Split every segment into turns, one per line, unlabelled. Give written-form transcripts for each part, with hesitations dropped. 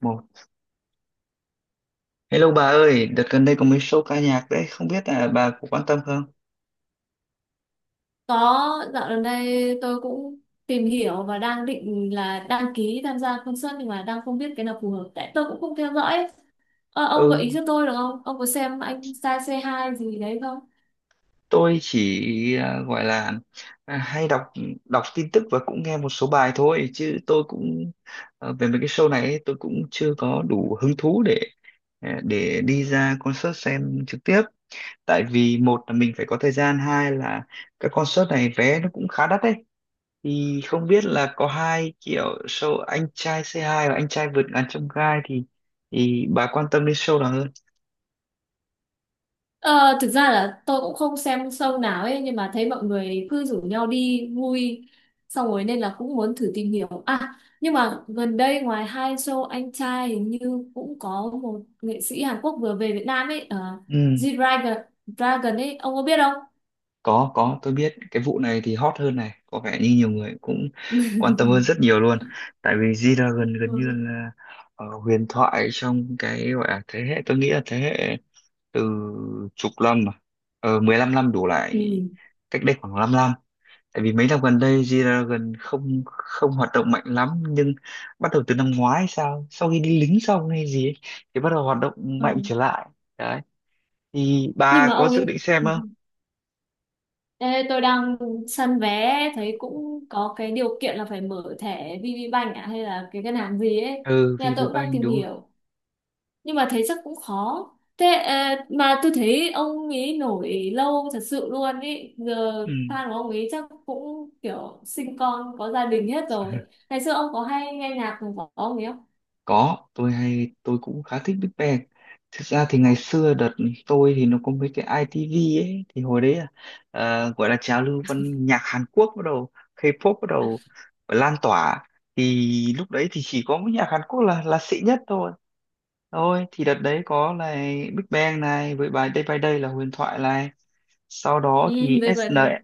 một Hello bà ơi, đợt gần đây có mấy show ca nhạc đấy, không biết là bà có quan tâm không?
Có, dạo gần đây tôi cũng tìm hiểu và đang định là đăng ký tham gia concert nhưng mà đang không biết cái nào phù hợp. Tại tôi cũng không theo dõi. Ông gợi
ừ
ý cho tôi được không? Ông có xem anh Sai C2 gì đấy không?
tôi chỉ gọi là hay đọc đọc tin tức và cũng nghe một số bài thôi, chứ tôi cũng về mấy cái show này ấy, tôi cũng chưa có đủ hứng thú để để đi ra concert xem trực tiếp. Tại vì một là mình phải có thời gian, hai là các concert này vé nó cũng khá đắt đấy. Thì không biết là có hai kiểu show anh trai C2 và anh trai vượt ngàn chông gai, thì bà quan tâm đến show nào hơn?
Ờ, Thực ra là tôi cũng không xem show nào ấy nhưng mà thấy mọi người cứ rủ nhau đi vui xong rồi nên là cũng muốn thử tìm hiểu. À, nhưng mà gần đây ngoài hai show anh trai hình như cũng có một nghệ sĩ Hàn Quốc vừa về Việt Nam ấy,
Ừ,
G-Dragon Dragon ấy, ông có biết không?
có tôi biết cái vụ này thì hot hơn này, có vẻ như nhiều người cũng quan tâm hơn rất nhiều luôn. Tại vì G-Dragon gần như
Ừ.
là huyền thoại trong cái gọi là thế hệ, tôi nghĩ là thế hệ từ chục năm mà, 15 năm đủ lại,
ừ
cách đây khoảng 5 năm. Tại vì mấy năm gần đây G-Dragon không không hoạt động mạnh lắm, nhưng bắt đầu từ năm ngoái sao, sau khi đi lính xong hay gì ấy, thì bắt đầu hoạt động mạnh
Ừ.
trở lại. Đấy, thì
Nhưng
bà
mà
có
ông
dự
ấy
định xem
ừ.
không?
Ê, tôi đang săn vé thấy cũng có cái điều kiện là phải mở thẻ VPBank à, hay là cái ngân hàng gì ấy
Ừ,
nên là
vì
tôi
với
cũng
ba
đang
anh,
tìm
đúng rồi.
hiểu nhưng mà thấy chắc cũng khó thế mà tôi thấy ông ấy nổi lâu thật sự luôn ấy giờ fan của ông ấy chắc cũng kiểu sinh con có gia đình hết
Ừ.
rồi, ngày xưa ông có hay nghe nhạc của ông ấy không?
Có, tôi cũng khá thích Big Bang. Thực ra thì ngày xưa đợt tôi thì nó có mấy cái ITV ấy, thì hồi đấy là gọi là trào lưu văn nhạc Hàn Quốc bắt đầu, K-pop bắt đầu lan tỏa. Thì lúc đấy thì chỉ có cái nhạc Hàn Quốc là xịn nhất thôi. Thôi thì đợt đấy có là Big Bang này, với bài Day by Day là huyền thoại này. Sau đó
Ừ,
thì
đây vậy.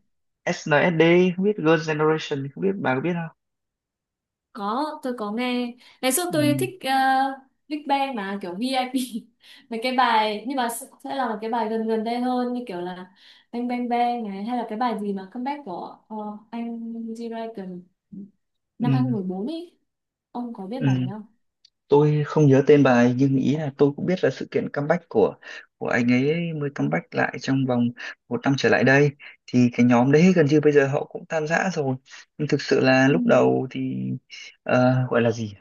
SNSD, không biết Girls' Generation, không biết bà có biết không?
Có, tôi có nghe. Ngày xưa tôi
Ừ,
thích Big Bang mà kiểu VIP. Mấy cái bài nhưng mà sẽ là một cái bài gần gần đây hơn như kiểu là Bang Bang Bang này hay là cái bài gì mà comeback của anh G-Dragon năm hai nghìn
ừ,
mười bốn ấy. Ông có biết
ừ.
bài này không?
Tôi không nhớ tên bài, nhưng ý là tôi cũng biết là sự kiện comeback của anh ấy, mới comeback lại trong vòng một năm trở lại đây. Thì cái nhóm đấy gần như bây giờ họ cũng tan rã rồi, nhưng thực sự là
Ừ,
lúc đầu thì gọi là gì,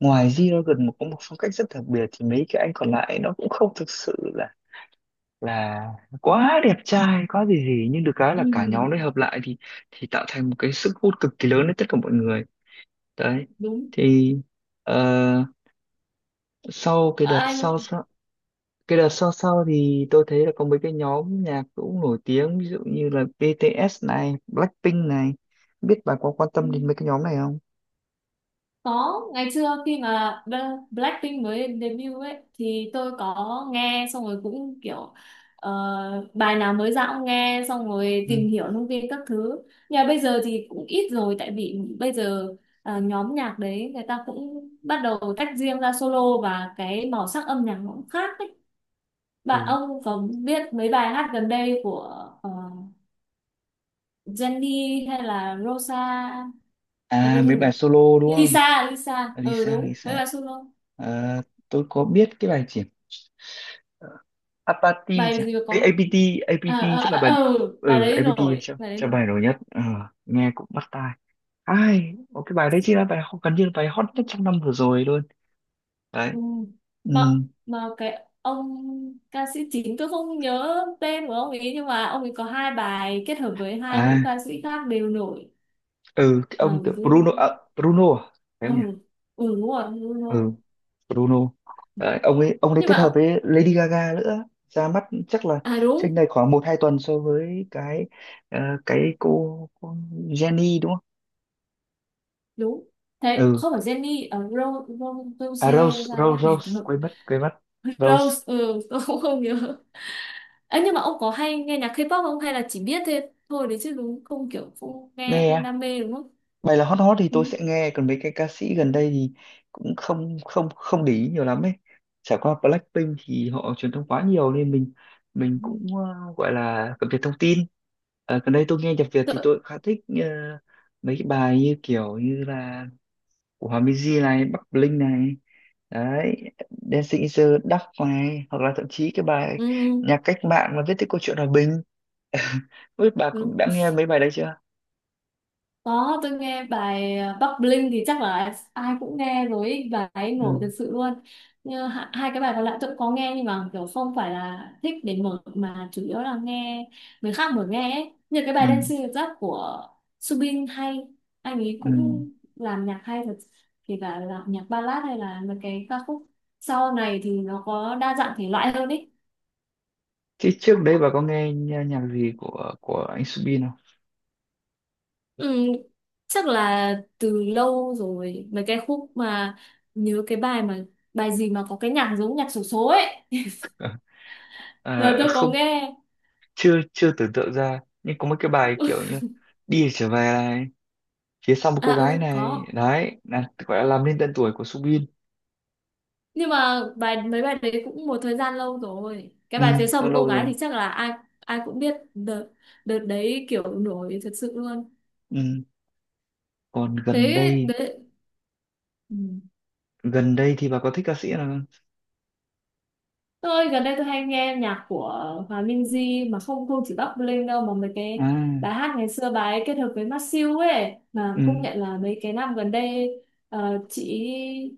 ngoài Zero gần một có một phong cách rất đặc biệt, thì mấy cái anh còn lại nó cũng không thực sự là là quá đẹp trai quá gì gì, nhưng được cái
ừ,
là cả nhóm đấy hợp lại thì tạo thành một cái sức hút cực kỳ lớn đến tất cả mọi người. Đấy,
đúng.
thì ờ, sau cái đợt
Ờ,
sau cái đợt sau sau thì tôi thấy là có mấy cái nhóm nhạc cũng nổi tiếng, ví dụ như là BTS này, Blackpink này, biết bà có quan tâm đến
anh.
mấy cái nhóm này không?
Có, ngày xưa khi mà Blackpink mới debut ấy thì tôi có nghe xong rồi cũng kiểu ờ, bài nào mới ra cũng nghe xong rồi
Ừ.
tìm hiểu thông tin các thứ. Nhưng mà bây giờ thì cũng ít rồi tại vì bây giờ nhóm nhạc đấy người ta cũng bắt đầu tách riêng ra solo và cái màu sắc âm nhạc nó cũng khác ấy. Bạn
Ừ.
ông có biết mấy bài hát gần đây của ờ, Jennie hay là Rosa, à,
À,
cái gì
mấy bài
nhỉ?
solo đúng không?
Lisa, Lisa. Ừ
Lisa,
đúng, mấy
Lisa.
bài solo.
Ờ, tôi có biết cái bài gì, Apathy chả,
Bài gì mà
Ê,
có
APT
à,
APT
à,
chắc là
à,
bài,
ờ, ừ bài
ừ,
đấy
APT
nổi, bài đấy
chắc
nổi
bài nổi nhất. Ờ, nghe cũng bắt tai, ai, một cái bài đấy chỉ là bài gần như là bài hot nhất trong năm vừa rồi luôn. Đấy.
ừ.
Ừ.
mà mà cái ông ca sĩ chính tôi không nhớ tên của ông ấy nhưng mà ông ấy có hai bài kết hợp với hai nữ
À,
ca sĩ khác đều nổi.
ừ, cái
Ờ
ông
Bruno.
Bruno à, Bruno à? phải
Ừ,
không nhỉ?
ừ đúng rồi Bruno.
Ừ, Bruno.
Ừ.
Đấy, ông ấy
nhưng
kết
mà
hợp
ông-
với Lady Gaga nữa, ra mắt chắc là
À
trên
đúng,
này khoảng một hai tuần so với cái, ờ, cô Jenny đúng không?
đúng. Thế
Ừ.
không phải Jenny ở Rose Rose
À,
Rose
Rose
sao
Rose
ấy?
Rose, quên mất Rose.
Rose ừ tôi cũng không nhớ ấy nhưng mà ông có hay nghe nhạc K-pop không hay là chỉ biết thế thôi đấy chứ, đúng không kiểu không nghe không
Nè,
đam mê đúng không?
bài là hot hot thì
Ừ.
tôi sẽ nghe, còn mấy cái ca sĩ gần đây thì cũng không không không để ý nhiều lắm ấy. Trải qua Blackpink thì họ truyền thông quá nhiều nên mình
Ừ.
cũng gọi là cập nhật thông tin. Ờ, gần đây tôi nghe nhạc Việt thì
Tự...
tôi cũng khá thích mấy cái bài như kiểu như là của Hòa Minzy này, Bắc Bling này. Đấy, Dancing in the Dark này, hoặc là thậm chí cái bài
Ừ.
nhạc cách mạng mà Viết Tiếp Câu Chuyện Hòa Bình. Không biết bà
Đúng.
cũng đã nghe mấy bài đấy chưa?
Có, tôi nghe bài Bắc Bling thì chắc là ai cũng nghe rồi ý, bài ấy
Ừ,
nổi thật sự luôn. Như hai cái bài còn lại tôi cũng có nghe nhưng mà kiểu không phải là thích để mở mà chủ yếu là nghe người khác mở nghe ấy. Như cái bài
ừ,
Dancing with Love của Subin, hay anh ấy
ừ.
cũng làm nhạc hay thật, kể cả là nhạc ballad hay là mấy cái ca khúc sau này thì nó có đa dạng thể loại hơn ý.
Thế trước đấy bà có nghe nhạc gì của anh Subin không?
Ừ, chắc là từ lâu rồi mấy cái khúc mà nhớ cái bài mà bài gì mà có cái nhạc giống nhạc xổ số ấy, là
Ờ,
tôi có
không,
nghe.
chưa chưa tưởng tượng ra. Nhưng có mấy cái bài kiểu như Đi Trở Về này, Phía Sau Một
À
Cô Gái
ừ
này,
có,
đấy, là gọi là làm nên tên tuổi của Subin.
nhưng mà bài mấy bài đấy cũng một thời gian lâu rồi, cái
Ừ,
bài phía sau
đã
một cô
lâu
gái
rồi.
thì chắc là ai ai cũng biết, đợt đợt đấy kiểu nổi thật sự luôn.
Ừ. Còn gần
Thế
đây,
đấy ừ.
thì bà có thích ca sĩ nào không?
Tôi gần đây tôi hay nghe nhạc của Hòa Minzy mà không không chỉ Bắc Bling đâu mà mấy
À,
cái bài hát ngày xưa bà ấy kết hợp với Masew siêu ấy, mà công
ừ,
nhận là mấy cái năm gần đây ờ, chị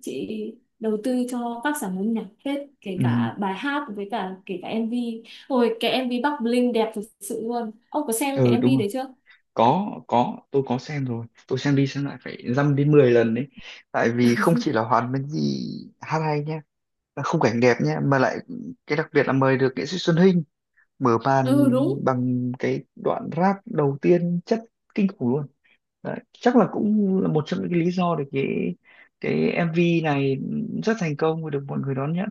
chị đầu tư cho các sản phẩm nhạc hết, kể
ừ,
cả bài hát với cả kể cả MV. Ôi cái MV Bắc Bling đẹp thực sự luôn. Ông có xem cái
ừ đúng
MV
rồi.
đấy chưa?
Có, tôi có xem rồi. Tôi xem đi xem lại phải dăm đến 10 lần đấy. Tại vì không chỉ là Hoàn Minh Di hát hay nhá, và khung cảnh đẹp nhé, mà lại cái đặc biệt là mời được nghệ sĩ Xuân Hinh mở màn
Ừ đúng.
bằng cái đoạn rap đầu tiên chất kinh khủng luôn. Đấy, chắc là cũng là một trong những cái lý do để cái MV này rất thành công và được mọi người đón nhận.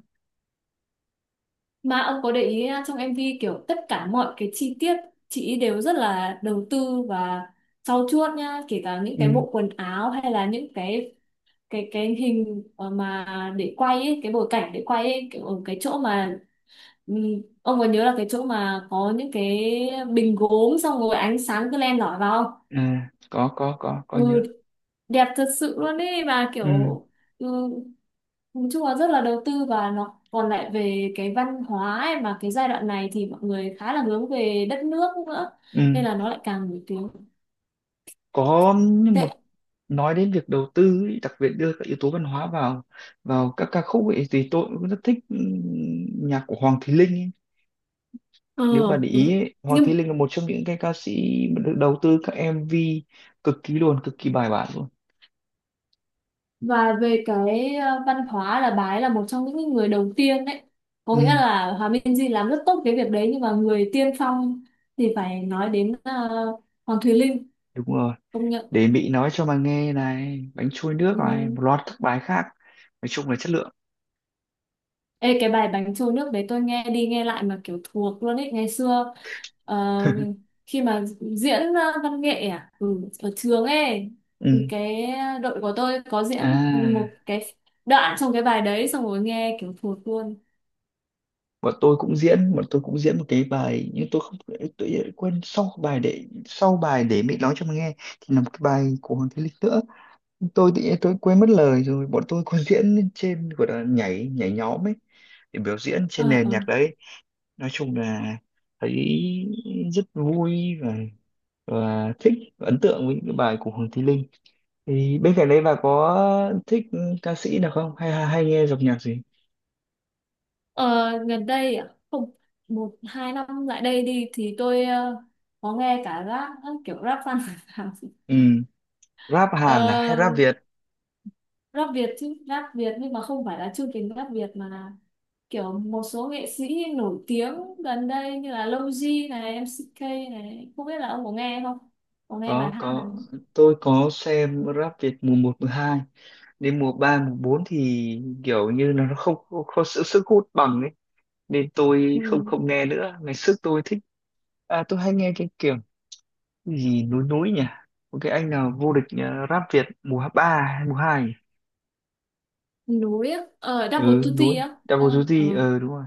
Mà ông có để ý à, trong MV kiểu tất cả mọi cái chi tiết chị đều rất là đầu tư và trau chuốt nhá, kể cả những cái
Ừ.
bộ quần áo hay là những cái hình mà để quay ấy, cái bối cảnh để quay ấy, kiểu ở cái chỗ mà ông có nhớ là cái chỗ mà có những cái bình gốm xong rồi ánh sáng cứ len lỏi vào không?
À, có
Ừ,
nhớ.
đẹp thật sự luôn ấy và kiểu
Ừ.
ừ, nói chung là rất là đầu tư và nó còn lại về cái văn hóa ấy, mà cái giai đoạn này thì mọi người khá là hướng về đất nước nữa nên
Ừ.
là nó lại càng nổi tiếng
có một
tệ.
Nói đến việc đầu tư ấy, đặc biệt đưa các yếu tố văn hóa vào vào các ca khúc ấy, thì tôi cũng rất thích nhạc của Hoàng Thùy Linh ấy.
Ờ
Nếu bạn để ý
đúng,
ấy, Hoàng Thùy
nhưng
Linh là một trong những cái ca sĩ mà được đầu tư các MV cực kỳ luôn, cực kỳ bài bản luôn.
và về cái văn hóa là bà ấy là một trong những người đầu tiên đấy, có nghĩa
Ừ
là Hòa Minh Di làm rất tốt cái việc đấy nhưng mà người tiên phong thì phải nói đến Hoàng Thùy Linh,
đúng rồi,
công nhận.
Để Mỹ nói Cho Mà Nghe này, Bánh Trôi Nước này,
Ừ.
một loạt các bài khác, nói chung là chất lượng.
Ê, cái bài bánh trôi nước đấy tôi nghe đi nghe lại mà kiểu thuộc luôn ấy, ngày xưa ờ, khi mà diễn văn nghệ à ừ, ở trường ấy,
Ừ,
cái đội của tôi có diễn một
à
cái đoạn trong cái bài đấy xong rồi nghe kiểu thuộc luôn.
bọn tôi cũng diễn một cái bài, nhưng tôi không tôi quên, sau bài để sau bài Để Mỹ Nói Cho Mà Nghe thì là một cái bài của Hoàng Thùy Linh nữa. Tôi thì tôi quên mất lời rồi, bọn tôi còn diễn lên trên, gọi là nhảy nhảy nhóm ấy, để biểu diễn trên
Ờ
nền
ờ.
nhạc đấy. Nói chung là thấy rất vui, và thích và ấn tượng với những cái bài của Hoàng Thùy Linh. Thì bên cạnh đấy bà có thích ca sĩ nào không, hay hay nghe dòng nhạc gì?
Ờ, gần đây à không, một hai năm lại đây đi thì tôi có nghe cả rap, kiểu rap văn.
Ừ. Rap Hàn à hay
ờ,
rap Việt?
Rap Việt chứ, rap Việt nhưng mà không phải là chương trình rap Việt mà là kiểu một số nghệ sĩ nổi tiếng gần đây như là Lofi này, MCK này, không biết là ông có nghe không? Có nghe bài hát này.
Có, tôi có xem rap Việt mùa một mùa hai, đến mùa 3 mùa 4 thì kiểu như là nó không không, không sự sức hút bằng ấy, nên tôi không
Ừ.
không nghe nữa. Ngày trước tôi thích, tôi hay nghe cái kiểu, cái gì núi núi nhỉ, có cái anh nào vô địch rap Việt mùa 3 hay mùa 2?
Núi á, ở
Ừ,
Double
núi
Tutti á. Ờ,
Double
ờ.
Duty, đúng rồi.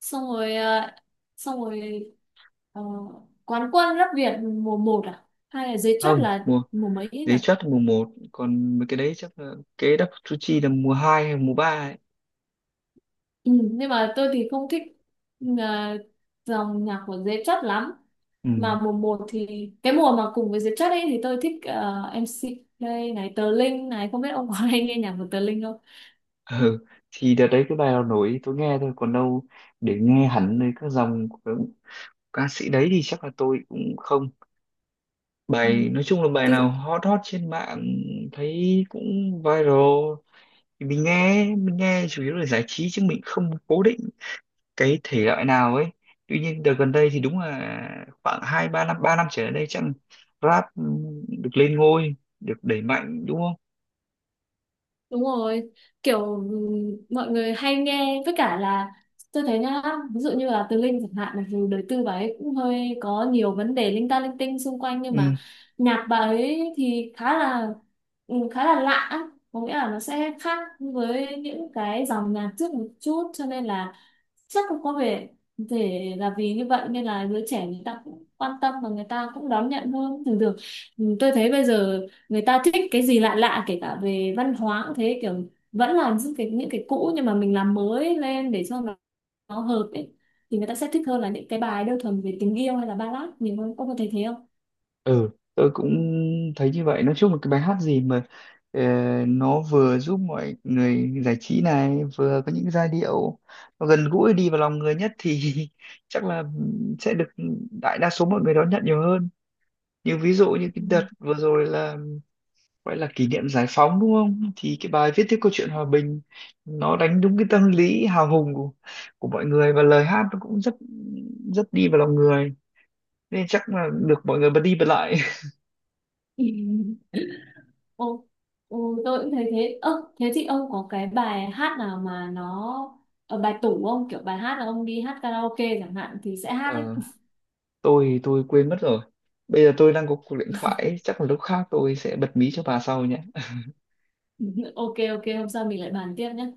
Xong rồi xong rồi ờ, quán quân Rap Việt mùa một à? Hay là giấy chắc
Không,
là
mùa
mùa mấy ấy nhỉ?
giấy chất mùa một, còn mấy cái đấy chắc là cái Double Duty là mùa 2 hay mùa 3 ấy.
Ừ, nhưng mà tôi thì không thích ờ, dòng nhạc của giấy chất lắm,
Ừ.
mà mùa một thì cái mùa mà cùng với Diệp Chất ấy thì tôi thích em MC Play này, Tờ Linh này, không biết ông có hay nghe nhạc của Tờ Linh không?
Ừ. Thì đợt đấy cái bài nào nổi tôi nghe thôi, còn đâu để nghe hẳn nơi các dòng của các ca sĩ đấy thì chắc là tôi cũng không.
Ừ.
Bài nói chung là bài
Thực.
nào hot hot trên mạng, thấy cũng viral, thì mình nghe chủ yếu là giải trí, chứ mình không cố định cái thể loại nào ấy. Tuy nhiên đợt gần đây thì đúng là khoảng hai ba năm, ba năm trở lại đây chắc, rap được lên ngôi, được đẩy mạnh, đúng không?
Đúng rồi, kiểu mọi người hay nghe với cả là tôi thấy nhá, ví dụ như là Từ Linh chẳng hạn mặc dù đời tư bà ấy cũng hơi có nhiều vấn đề linh ta linh tinh xung quanh nhưng
Ừ.
mà nhạc bà ấy thì khá là lạ á, có nghĩa là nó sẽ khác với những cái dòng nhạc trước một chút cho nên là chắc cũng có vẻ thể là vì như vậy nên là giới trẻ người ta cũng quan tâm và người ta cũng đón nhận hơn thường thường. Tôi thấy bây giờ người ta thích cái gì lạ lạ, kể cả về văn hóa cũng thế, kiểu vẫn là những cái cũ nhưng mà mình làm mới lên để cho nó hợp ấy thì người ta sẽ thích hơn là những cái bài đơn thuần về tình yêu hay là ballad nhiều hơn, ông có thấy thế không?
Ừ, tôi cũng thấy như vậy. Nói chung là cái bài hát gì mà ờ, nó vừa giúp mọi người giải trí này, vừa có những giai điệu nó gần gũi đi vào lòng người nhất thì chắc là sẽ được đại đa số mọi người đón nhận nhiều hơn. Ví dụ như cái đợt vừa rồi là gọi là kỷ niệm giải phóng đúng không, thì cái bài Viết Tiếp Câu Chuyện Hòa Bình nó đánh đúng cái tâm lý hào hùng của mọi người, và lời hát nó cũng rất rất đi vào lòng người, nên chắc là được mọi người bật đi bật lại.
Ừ. Ồ, ồ, tôi cũng thấy thế. Ơ, thế thì ông có cái bài hát nào mà nó bài tủ không? Kiểu bài hát là ông đi hát karaoke chẳng hạn thì sẽ hát
Ờ,
ấy.
tôi quên mất rồi, bây giờ tôi đang có cuộc điện thoại ấy, chắc là lúc khác tôi sẽ bật mí cho bà sau nhé.
Ok ok, hôm sau mình lại bàn tiếp nhé.